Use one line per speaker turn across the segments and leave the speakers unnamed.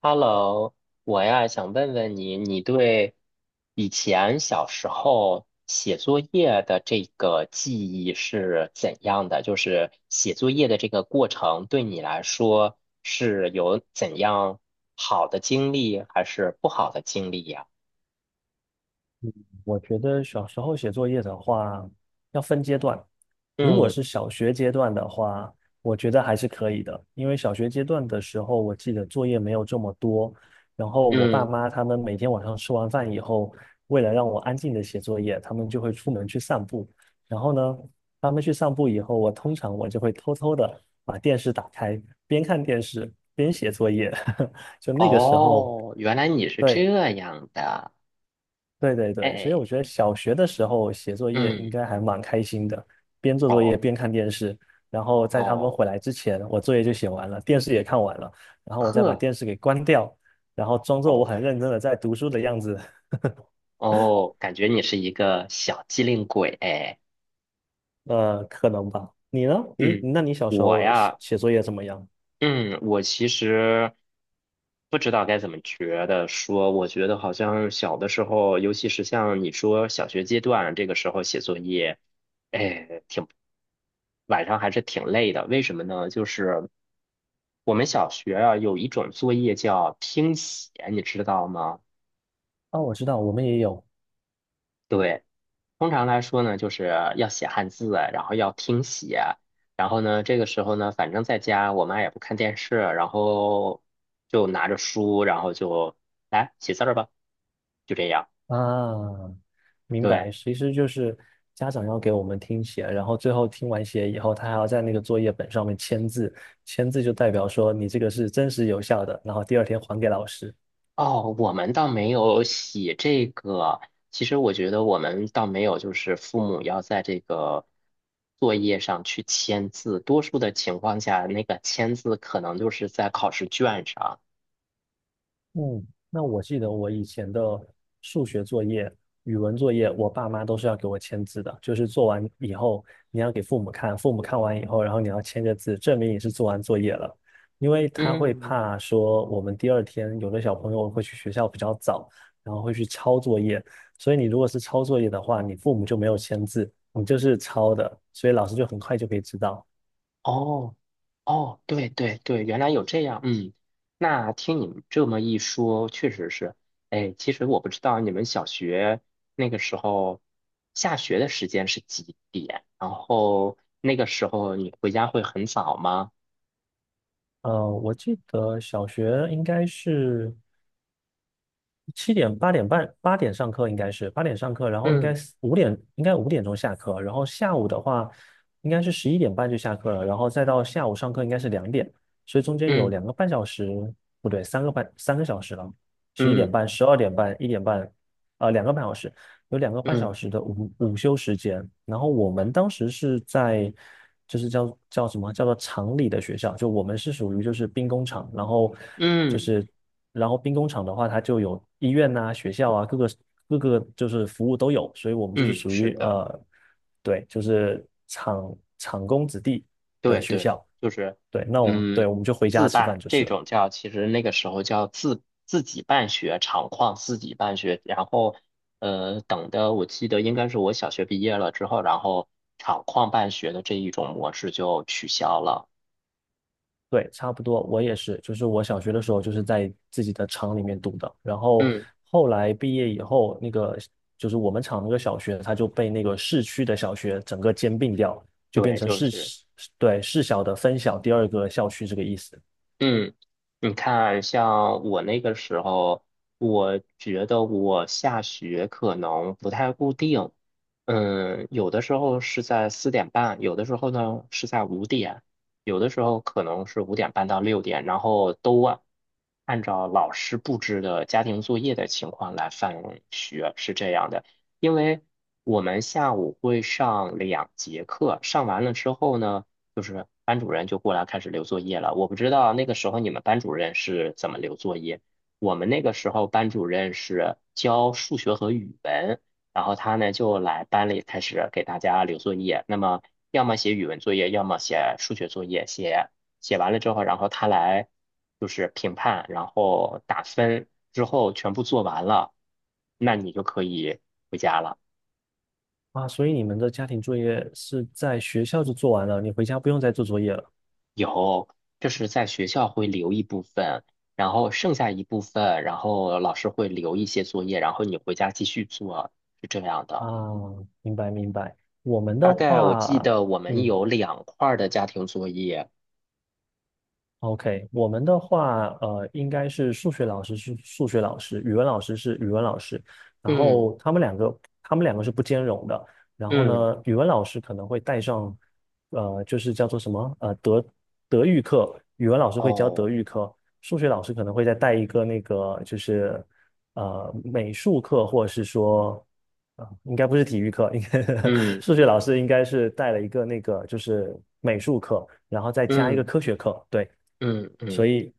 Hello，我呀想问问你，你对以前小时候写作业的这个记忆是怎样的？就是写作业的这个过程对你来说是有怎样好的经历，还是不好的经历呀？
我觉得小时候写作业的话，要分阶段。如果
嗯
是小学阶段的话，我觉得还是可以的，因为小学阶段的时候，我记得作业没有这么多。然后我爸
嗯，
妈他们每天晚上吃完饭以后，为了让我安静的写作业，他们就会出门去散步。然后呢，他们去散步以后，我通常就会偷偷的把电视打开，边看电视边写作业。就那个时候，
哦，原来你是这
对，
样的，
对对对，所以
哎，
我觉得小学的时候写作业应
嗯，
该还蛮开心的，边做作业
哦
边看电视，然后在他们
哦，
回来之前，我作业就写完了，电视也看完了，然后我再把
呵，
电视给关掉，然后装作我
哦
很认真的在读书的样子。
哦，感觉你是一个小机灵鬼，哎。
可能吧。你呢？你
嗯，
那你小时
我
候写
呀，
写作业怎么样？
嗯，我其实不知道该怎么觉得说，我觉得好像小的时候，尤其是像你说小学阶段这个时候写作业，哎，挺晚上还是挺累的。为什么呢？就是我们小学啊有一种作业叫听写，你知道吗？
哦，我知道，我们也有。
对。通常来说呢，就是要写汉字，然后要听写，然后呢，这个时候呢，反正在家我妈也不看电视，然后就拿着书，然后就来写字儿吧，就这样。
啊，明
对，
白，其实就是家长要给我们听写，然后最后听完写以后，他还要在那个作业本上面签字，签字就代表说你这个是真实有效的，然后第二天还给老师。
哦，我们倒没有写这个。其实我觉得我们倒没有，就是父母要在这个作业上去签字。多数的情况下，那个签字可能就是在考试卷上。
嗯，那我记得我以前的数学作业、语文作业，我爸妈都是要给我签字的，就是做完以后你要给父母看，父母看完以后，然后你要签个字，证明你是做完作业了。因为他会
嗯，
怕说我们第二天有的小朋友会去学校比较早，然后会去抄作业，所以你如果是抄作业的话，你父母就没有签字，你就是抄的，所以老师就很快就可以知道。
哦。哦，对对对，原来有这样，嗯，那听你们这么一说，确实是，哎，其实我不知道你们小学那个时候下学的时间是几点，然后那个时候你回家会很早吗？
我记得小学应该是。七点八点半八点上课应该是八点上课，然后
嗯
应该5点钟下课，然后下午的话应该是十一点半就下课了，然后再到下午上课应该是2点，所以中间有
嗯
两个半小时，不对，3个小时了，十一点
嗯
半、12:30、一点半，呃，两个半小时，有两个半小
嗯
时的午休时间，然后我们当时是在，就是叫什么叫做厂里的学校，就我们是属于就是兵工厂，
嗯
就
嗯
是，然后兵工厂的话，它就有医院呐、学校啊，各个就是服务都有，所以我们就是
嗯，
属
是
于，
的。
对，就是厂工子弟的
对
学
对，
校，
就是，
对，那我们对
嗯，
我们就回家
自
吃饭
办
就是
这
了。
种叫，其实那个时候叫自己办学，厂矿自己办学，然后，等的我记得应该是我小学毕业了之后，然后厂矿办学的这一种模式就取消了。
对，差不多，我也是，就是我小学的时候就是在自己的厂里面读的，然后
嗯，
后来毕业以后，那个就是我们厂那个小学，它就被那个市区的小学整个兼并掉，就变
对，
成
就
市，
是。
对，市小的分校第二个校区这个意思
嗯，你看，像我那个时候，我觉得我下学可能不太固定，嗯，有的时候是在4:30，有的时候呢是在五点，有的时候可能是5:30到6点，然后都啊按照老师布置的家庭作业的情况来放学，是这样的。因为我们下午会上两节课，上完了之后呢。就是班主任就过来开始留作业了。我不知道那个时候你们班主任是怎么留作业。我们那个时候班主任是教数学和语文，然后他呢就来班里开始给大家留作业。那么要么写语文作业，要么写数学作业。写完了之后，然后他来就是评判，然后打分，之后全部做完了，那你就可以回家了。
啊。所以你们的家庭作业是在学校就做完了，你回家不用再做作业了
有，就是在学校会留一部分，然后剩下一部分，然后老师会留一些作业，然后你回家继续做，是这样
啊？
的。
明白明白。我们的
大概我记
话，
得我们
嗯，
有两块儿的家庭作业，
OK，我们的话，应该是数学老师是数学老师，语文老师是语文老师，然
嗯
后他们两个是不兼容的。然后
嗯，
呢，语文老师可能会带上，就是叫做什么，德育课，语文老师会教德
哦，
育课，数学老师可能会再带一个那个，就是美术课或者是说，啊、应该不是体育课，应该
嗯
数学老师应该是带了一个那个就是美术课，然后再加一个
嗯
科学课，对。
嗯
所
嗯，
以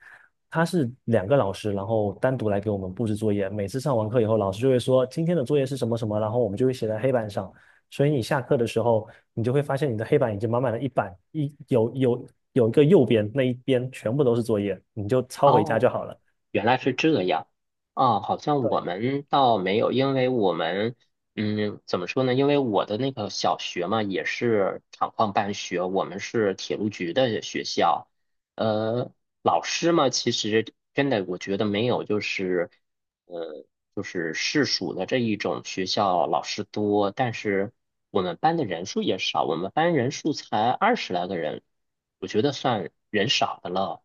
他是2个老师，然后单独来给我们布置作业。每次上完课以后，老师就会说今天的作业是什么什么，然后我们就会写在黑板上。所以你下课的时候，你就会发现你的黑板已经满满了一板，一有有有一个右边那一边全部都是作业，你就抄回家就
哦。
好了。
原来是这样，啊，好像我
对，
们倒没有，因为我们，嗯，怎么说呢？因为我的那个小学嘛，也是厂矿办学，我们是铁路局的学校，呃，老师嘛，其实真的我觉得没有，就是，呃，就是市属的这一种学校老师多，但是我们班的人数也少，我们班人数才二十来个人，我觉得算人少的了，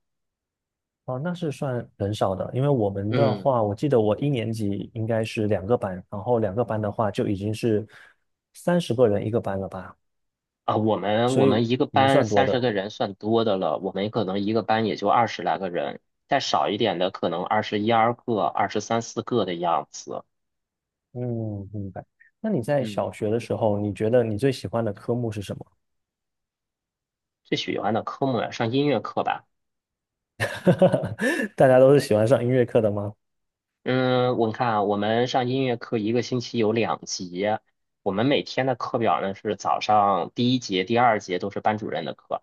哦，那是算很少的，因为我们的
嗯。
话，我记得我一年级应该是两个班，然后两个班的话就已经是30个人一个班了吧，
啊，我们
所
我
以
们
我
一个
们
班
算多
三
的。
十个人算多的了，我们可能一个班也就二十来个人，再少一点的可能二十一二个、二十三四个的样子。
嗯，明白。那你在小
嗯，
学的时候，你觉得你最喜欢的科目是什么？
最喜欢的科目呀上音乐课吧。
大家都是喜欢上音乐课的吗？
嗯，我看啊，我们上音乐课一个星期有两节，我们每天的课表呢是早上第一节、第二节都是班主任的课，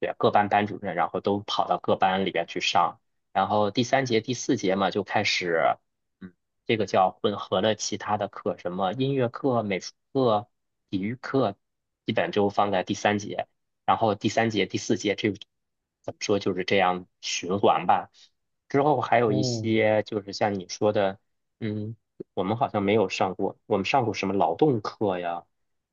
对，各班班主任，然后都跑到各班里边去上，然后第三节、第四节嘛就开始，嗯，这个叫混合了其他的课，什么音乐课、美术课、体育课，基本就放在第三节，然后第三节、第四节这怎么说就是这样循环吧。之后还有一
嗯
些就是像你说的，嗯，我们好像没有上过，我们上过什么劳动课呀？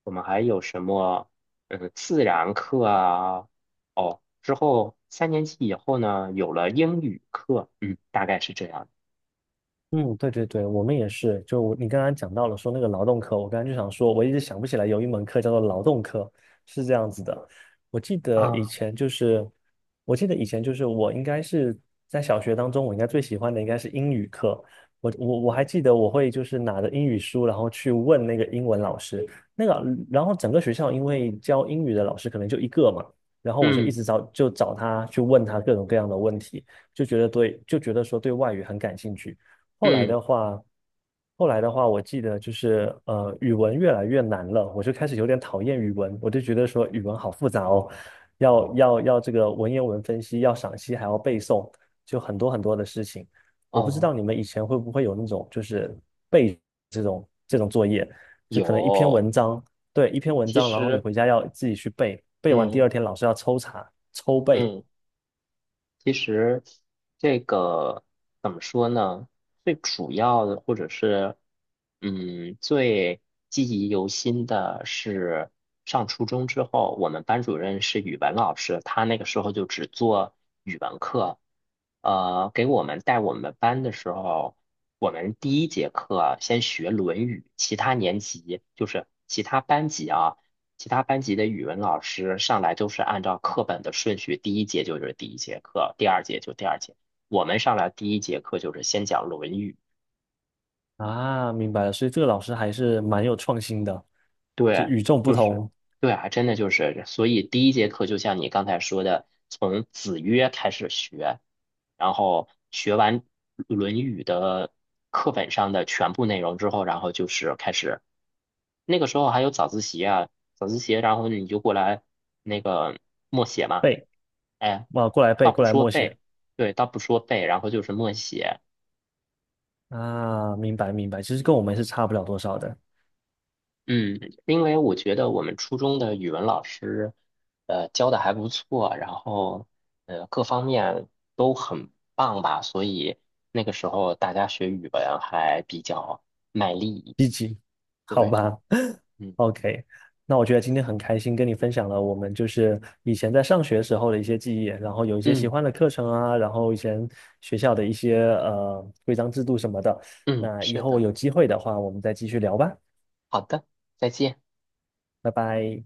我们还有什么，嗯，自然课啊？哦，之后三年级以后呢，有了英语课，嗯，大概是这样。
嗯，对对对，我们也是。就我你刚刚讲到了说那个劳动课，我刚刚就想说，我一直想不起来有一门课叫做劳动课，是这样子的。我记得以
啊，
前就是，我记得以前就是我应该是在小学当中，我应该最喜欢的应该是英语课。我还记得我会就是拿着英语书，然后去问那个英文老师，那个然后整个学校因为教英语的老师可能就一个嘛，然后我就一
嗯
直找就找他去问他各种各样的问题，就觉得说对外语很感兴趣。后来
嗯，
的话，我记得就是，语文越来越难了，我就开始有点讨厌语文，我就觉得说语文好复杂哦，要这个文言文分析，要赏析，还要背诵，就很多很多的事情。我不知
哦，
道你们以前会不会有那种就是背这种作业，就可能一篇
有，
文章，对，一篇文
其
章，然后你
实，
回家要自己去背，背完第
嗯
二天老师要抽查抽背。
嗯。其实这个怎么说呢？最主要的，或者是嗯，最记忆犹新的是上初中之后，我们班主任是语文老师，他那个时候就只做语文课。给我们带我们班的时候，我们第一节课先学《论语》，其他年级就是其他班级啊。其他班级的语文老师上来都是按照课本的顺序，第一节就是第一节课，第二节就第二节。我们上来第一节课就是先讲《论语》，
啊，明白了，所以这个老师还是蛮有创新的，就
对，
与众不
就是
同。
对啊，真的就是，所以第一节课就像你刚才说的，从子曰开始学，然后学完《论语》的课本上的全部内容之后，然后就是开始那个时候还有早自习啊，早自习，然后你就过来那个默写嘛。
背，
哎，
哇，过来
倒
背，
不
过来
说
默写。
背，对，倒不说背，然后就是默写。
啊，明白明白，其实跟我们是差不了多少的。
嗯，因为我觉得我们初中的语文老师，教的还不错，然后各方面都很棒吧，所以那个时候大家学语文还比较卖力。
积极，好
对，
吧
嗯
，OK，那我觉得今天很开心跟你分享了我们就是以前在上学时候的一些记忆，然后有一些喜
嗯
欢的课程啊，然后以前学校的一些规章制度什么的，
嗯，
那以
是
后
的，
有机会的话，我们再继续聊吧。
好的，再见。
拜拜。